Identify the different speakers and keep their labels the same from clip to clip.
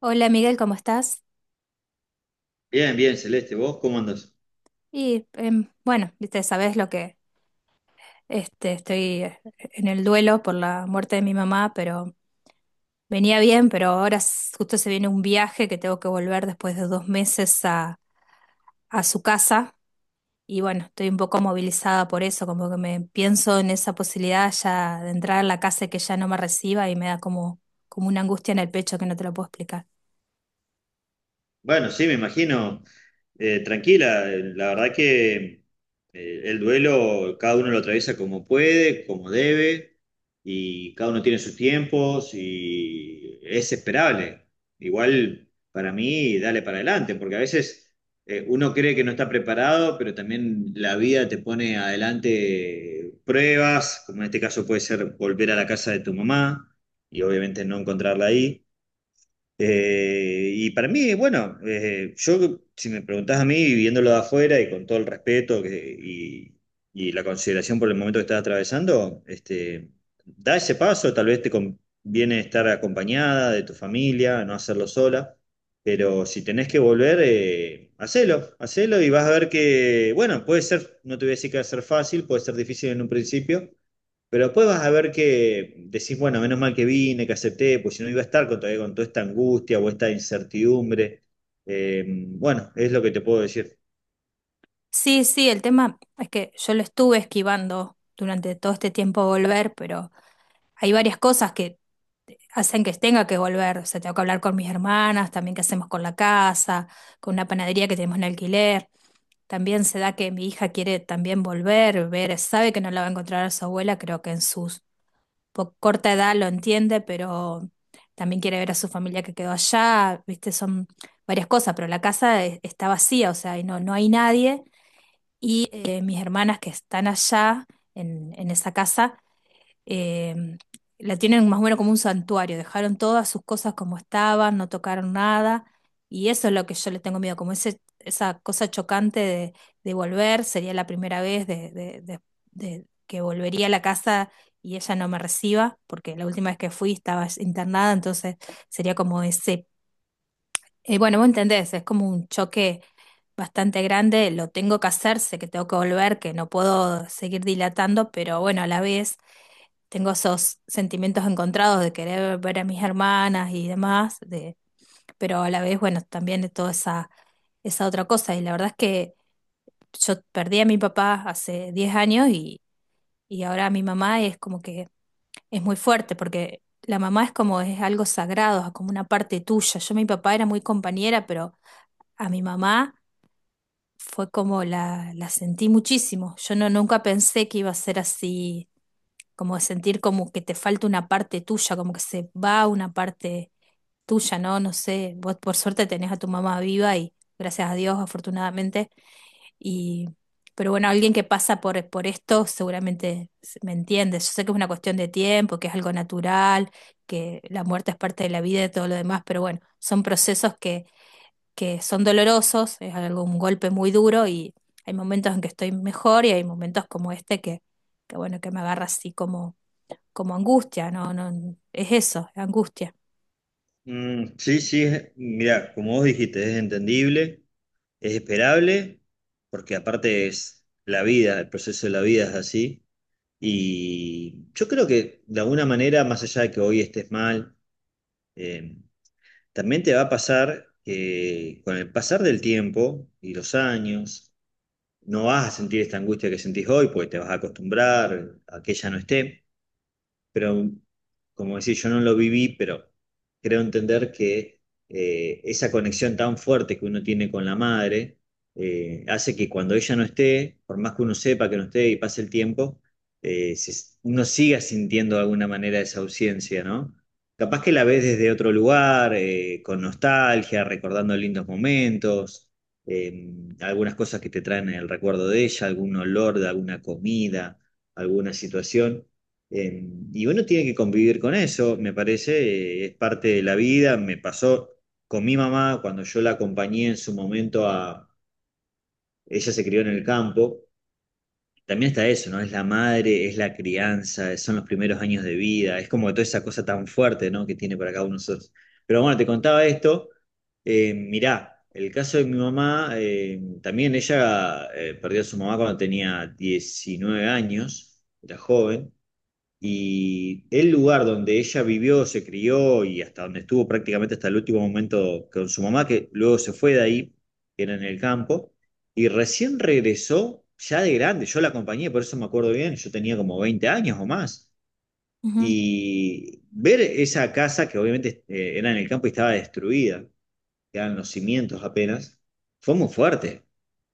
Speaker 1: Hola Miguel, ¿cómo estás?
Speaker 2: Bien, bien, Celeste, ¿vos cómo andás?
Speaker 1: Bueno, viste, sabes lo que estoy en el duelo por la muerte de mi mamá, pero venía bien, pero ahora justo se viene un viaje que tengo que volver después de dos meses a su casa. Y bueno, estoy un poco movilizada por eso, como que me pienso en esa posibilidad ya de entrar a la casa y que ya no me reciba, y me da como, como una angustia en el pecho que no te lo puedo explicar.
Speaker 2: Bueno, sí, me imagino, tranquila, la verdad que el duelo cada uno lo atraviesa como puede, como debe, y cada uno tiene sus tiempos y es esperable. Igual para mí, dale para adelante, porque a veces uno cree que no está preparado, pero también la vida te pone adelante pruebas, como en este caso puede ser volver a la casa de tu mamá y obviamente no encontrarla ahí. Y para mí, bueno, yo, si me preguntás a mí, viéndolo de afuera y con todo y la consideración por el momento que estás atravesando, este, da ese paso, tal vez te conviene estar acompañada de tu familia, no hacerlo sola, pero si tenés que volver, hacelo, hacelo y vas a ver que, bueno, puede ser, no te voy a decir que va a ser fácil, puede ser difícil en un principio, pero después vas a ver que decís, bueno, menos mal que vine, que acepté, pues si no iba a estar con, todavía con toda esta angustia o esta incertidumbre. Bueno, es lo que te puedo decir.
Speaker 1: Sí, sí, el tema es que yo lo estuve esquivando durante todo este tiempo volver, pero hay varias cosas que hacen que tenga que volver. O sea, tengo que hablar con mis hermanas, también qué hacemos con la casa, con una panadería que tenemos en alquiler. También se da que mi hija quiere también volver, ver, sabe que no la va a encontrar a su abuela, creo que en su corta edad lo entiende, pero también quiere ver a su familia que quedó allá, viste, son varias cosas, pero la casa está vacía, o sea, y no, no hay nadie. Mis hermanas que están allá en esa casa eh, la tienen más o menos como un santuario, dejaron todas sus cosas como estaban, no tocaron nada, y eso es lo que yo le tengo miedo, como ese, esa cosa chocante de volver, sería la primera vez de, de que volvería a la casa y ella no me reciba, porque la última vez que fui estaba internada, entonces sería como ese, bueno, vos entendés, es como un choque bastante grande. Lo tengo que hacer, sé que tengo que volver, que no puedo seguir dilatando, pero bueno, a la vez tengo esos sentimientos encontrados de querer ver a mis hermanas y demás, de, pero a la vez, bueno, también de toda esa, esa otra cosa. Y la verdad es que yo perdí a mi papá hace 10 años y ahora mi mamá es como que es muy fuerte porque la mamá es como es algo sagrado, es como una parte tuya. Yo mi papá era muy compañera, pero a mi mamá fue como la sentí muchísimo. Yo no, nunca pensé que iba a ser así, como sentir como que te falta una parte tuya, como que se va una parte tuya, ¿no? No sé, vos por suerte tenés a tu mamá viva y gracias a Dios, afortunadamente, y pero bueno, alguien que pasa por esto seguramente me entiende. Yo sé que es una cuestión de tiempo, que es algo natural, que la muerte es parte de la vida y todo lo demás, pero bueno, son procesos que son dolorosos, es algo, un golpe muy duro. Y hay momentos en que estoy mejor y hay momentos como este que bueno, que me agarra así como como angustia, no, no, es eso, angustia.
Speaker 2: Mm, sí, sí, mira, como vos dijiste, es entendible, es esperable, porque aparte es la vida, el proceso de la vida es así. Y yo creo que de alguna manera, más allá de que hoy estés mal, eh, también te va a pasar que con el pasar del tiempo y los años, no vas a sentir esta angustia que sentís hoy, porque te vas a acostumbrar a que ella no esté, pero como decía, yo no lo viví, pero creo entender que esa conexión tan fuerte que uno tiene con la madre hace que cuando ella no esté, por más que uno sepa que no esté y pase el tiempo, uno siga sintiendo de alguna manera esa ausencia, ¿no? Capaz que la ves desde otro lugar, con nostalgia, recordando lindos momentos, eh, algunas cosas que te traen el recuerdo de ella, algún olor de alguna comida, alguna situación eh, y uno tiene que convivir con eso, me parece, es parte de la vida. Me pasó con mi mamá cuando yo la acompañé en su momento a... Ella se crió en el campo. También está eso, ¿no? Es la madre, es la crianza, son los primeros años de vida, es como toda esa cosa tan fuerte, ¿no?, que tiene para cada uno de nosotros. Pero bueno, te contaba esto. Mirá, el caso de mi mamá, también ella perdió a su mamá cuando tenía 19 años, era joven. Y el lugar donde ella vivió, se crió y hasta donde estuvo prácticamente hasta el último momento con su mamá, que luego se fue de ahí, que era en el campo, y recién regresó ya de grande. Yo la acompañé, por eso me acuerdo bien, yo tenía como 20 años o más.
Speaker 1: Ujú,
Speaker 2: Y ver esa casa que obviamente era en el campo y estaba destruida, quedan los cimientos apenas, fue muy fuerte,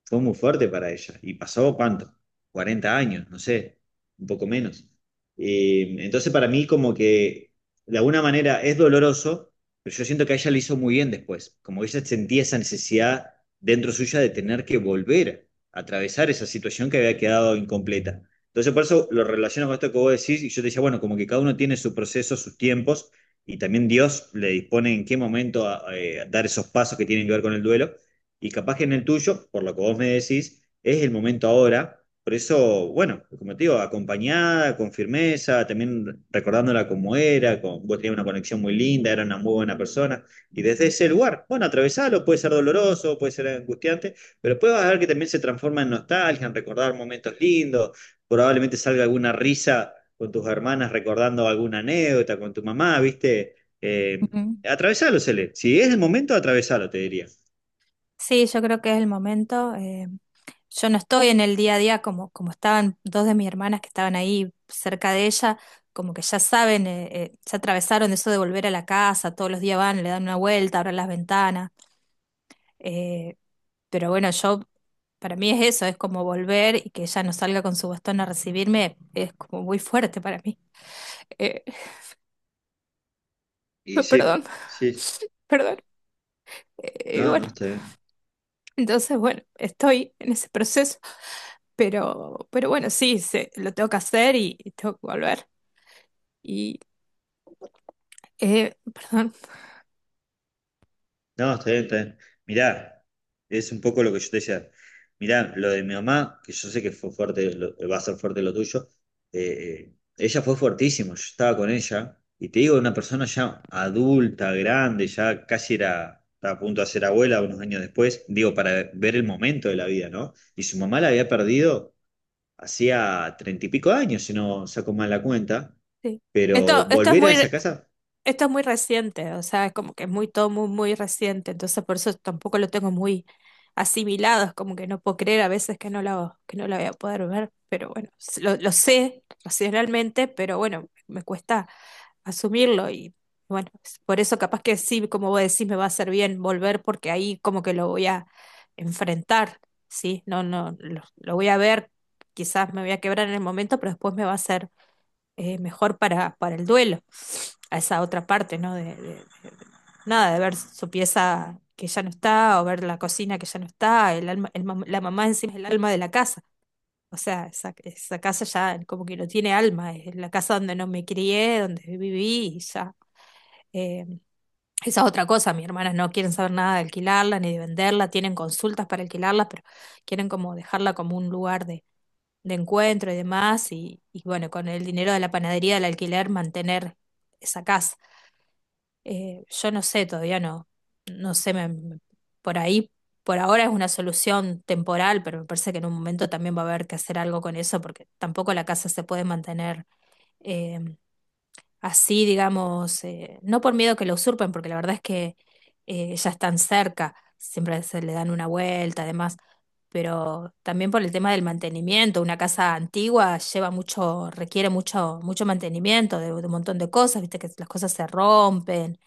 Speaker 2: fue muy fuerte para ella. Y pasó cuánto, 40 años, no sé, un poco menos. Entonces para mí como que de alguna manera es doloroso, pero yo siento que a ella le hizo muy bien después, como que ella sentía esa necesidad dentro suya de tener que volver a atravesar esa situación que había quedado incompleta. Entonces por eso lo relaciono con esto que vos decís y yo te decía, bueno, como que cada uno tiene su proceso, sus tiempos. Y también Dios le dispone en qué momento a dar esos pasos que tienen que ver con el duelo. Y capaz que en el tuyo, por lo que vos me decís, es el momento ahora. Por eso, bueno, como te digo, acompañada, con firmeza, también recordándola como era, con, vos tenías una conexión muy linda, era una muy buena persona. Y desde ese lugar, bueno, atravesarlo puede ser doloroso, puede ser angustiante, pero después vas a ver que también se transforma en nostalgia, en recordar momentos lindos, probablemente salga alguna risa con tus hermanas recordando alguna anécdota con tu mamá, ¿viste? Eh,
Speaker 1: ujú.
Speaker 2: atravesalo, Cele. Si es el momento, atravesalo, te diría.
Speaker 1: Sí, yo creo que es el momento. Yo no estoy en el día a día como, como estaban dos de mis hermanas que estaban ahí cerca de ella, como que ya saben, ya atravesaron eso de volver a la casa, todos los días van, le dan una vuelta, abren las ventanas. eh, pero bueno, yo, para mí es eso, es como volver y que ella no salga con su bastón a recibirme, es como muy fuerte para mí. Eh,
Speaker 2: Y
Speaker 1: perdón,
Speaker 2: sí, sí,
Speaker 1: perdón. Y
Speaker 2: no, no,
Speaker 1: bueno.
Speaker 2: está bien.
Speaker 1: Entonces, bueno, estoy en ese proceso, pero bueno, sí, se, lo tengo que hacer y tengo que volver. Y, perdón,
Speaker 2: No, está bien, está bien. Mirá, es un poco lo que yo te decía. Mirá, lo de mi mamá, que yo sé que fue fuerte, va a ser fuerte lo tuyo, ella fue fuertísimo, yo estaba con ella, y te digo, una persona ya adulta, grande, ya casi era, estaba a punto de ser abuela unos años después, digo, para ver el momento de la vida, ¿no? Y su mamá la había perdido hacía 30 y pico años, si no saco mal la cuenta.
Speaker 1: sí.
Speaker 2: Pero
Speaker 1: Esto es
Speaker 2: volver a
Speaker 1: muy,
Speaker 2: esa casa.
Speaker 1: esto es muy reciente, o sea, es como que es muy, todo muy, muy reciente, entonces por eso tampoco lo tengo muy asimilado, es como que no puedo creer a veces que no lo voy a poder ver, pero bueno, lo sé racionalmente, pero bueno, me cuesta asumirlo. Y bueno, es por eso capaz que sí, como vos decís, me va a hacer bien volver porque ahí como que lo voy a enfrentar, ¿sí? No, no, lo voy a ver, quizás me voy a quebrar en el momento, pero después me va a ser mejor para el duelo, a esa otra parte, ¿no? De, nada, de ver su pieza que ya no está o ver la cocina que ya no está, el alma, el la mamá encima es el alma de la casa. O sea, esa casa ya como que no tiene alma, es la casa donde no me crié, donde viví y ya eh, esa es otra cosa. Mis hermanas no quieren saber nada de alquilarla ni de venderla, tienen consultas para alquilarla, pero quieren como dejarla como un lugar de encuentro y demás, y bueno, con el dinero de la panadería del alquiler mantener esa casa. Yo no sé, todavía no, no sé, por ahí, por ahora es una solución temporal, pero me parece que en un momento también va a haber que hacer algo con eso, porque tampoco la casa se puede mantener eh, así, digamos, no por miedo que lo usurpen, porque la verdad es que ya están cerca, siempre se le dan una vuelta, además, pero también por el tema del mantenimiento. Una casa antigua lleva mucho, requiere mucho, mucho mantenimiento de un montón de cosas, viste que las cosas se rompen,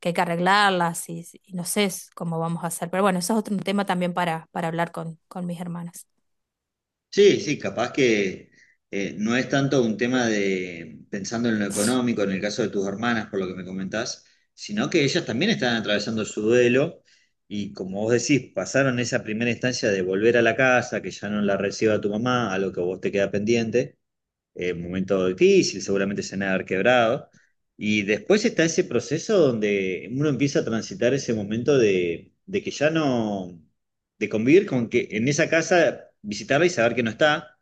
Speaker 1: que hay que arreglarlas y no sé cómo vamos a hacer. Pero bueno, eso es otro tema también para hablar con mis hermanas.
Speaker 2: Sí, sí, capaz que no es tanto un tema de pensando en lo económico, en el caso de tus hermanas, por lo que me comentás, sino que ellas también están atravesando su duelo y como vos decís, pasaron esa primera instancia de volver a la casa, que ya no la reciba tu mamá, a lo que vos te queda pendiente, momento difícil, seguramente se han de haber quebrado. Y después está ese proceso donde uno empieza a transitar ese momento de que ya no, de convivir con que en esa casa visitarla y saber que no está,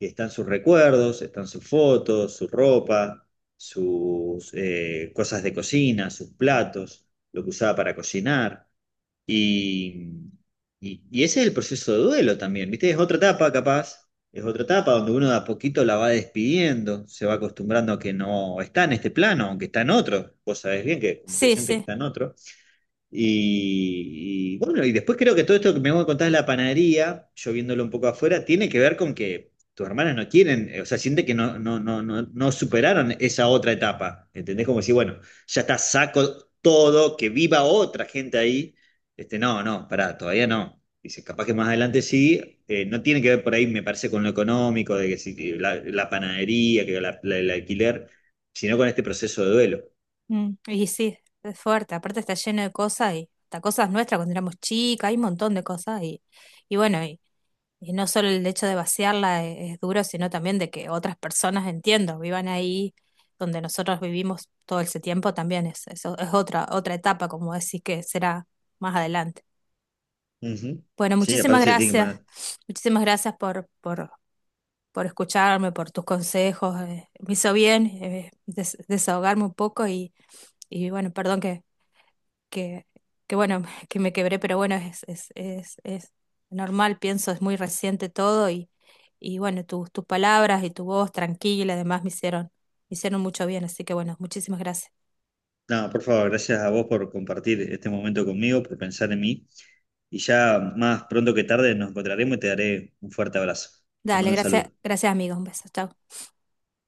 Speaker 2: que están sus recuerdos, están sus fotos, su ropa, sus cosas de cocina, sus platos, lo que usaba para cocinar. Y, y ese es el proceso de duelo también, ¿viste? Es otra etapa, capaz, es otra etapa donde uno de a poquito la va despidiendo, se va acostumbrando a que no está en este plano, aunque está en otro. Vos sabés bien que como
Speaker 1: Sí,
Speaker 2: creyente que
Speaker 1: sí.
Speaker 2: está en otro. Bueno, y después creo que todo esto que me voy a contar de la panadería, yo viéndolo un poco afuera, tiene que ver con que tus hermanas no quieren, o sea, sienten que no superaron esa otra etapa. ¿Entendés? Como si, bueno, ya está, saco todo, que viva otra gente ahí. Este, no, no, pará, todavía no. Dice, capaz que más adelante sí, no tiene que ver por ahí, me parece, con lo económico, de que si la panadería, el alquiler, sino con este proceso de duelo.
Speaker 1: Mm, y sí, es fuerte. Aparte está lleno de cosas y hasta cosas nuestras cuando éramos chicas, hay un montón de cosas y bueno, y no solo el hecho de vaciarla es, duro, sino también de que otras personas, entiendo, vivan ahí donde nosotros vivimos todo ese tiempo también es, es otra, otra etapa, como decís, que será más adelante.
Speaker 2: Ujú.
Speaker 1: Bueno,
Speaker 2: Sí, aparte se tiene que poner.
Speaker 1: muchísimas gracias por escucharme, por tus consejos. Me hizo bien, desahogarme un poco y bueno, perdón que, que bueno, que me quebré, pero bueno, es normal, pienso, es muy reciente todo y bueno, tus, tus palabras y tu voz tranquila, además me hicieron mucho bien, así que bueno, muchísimas gracias.
Speaker 2: No, por favor, gracias a vos por compartir este momento conmigo, por pensar en mí. Y ya más pronto que tarde nos encontraremos y te daré un fuerte abrazo. Te
Speaker 1: Dale,
Speaker 2: mando un
Speaker 1: gracias,
Speaker 2: saludo.
Speaker 1: gracias amigos, un beso, chao.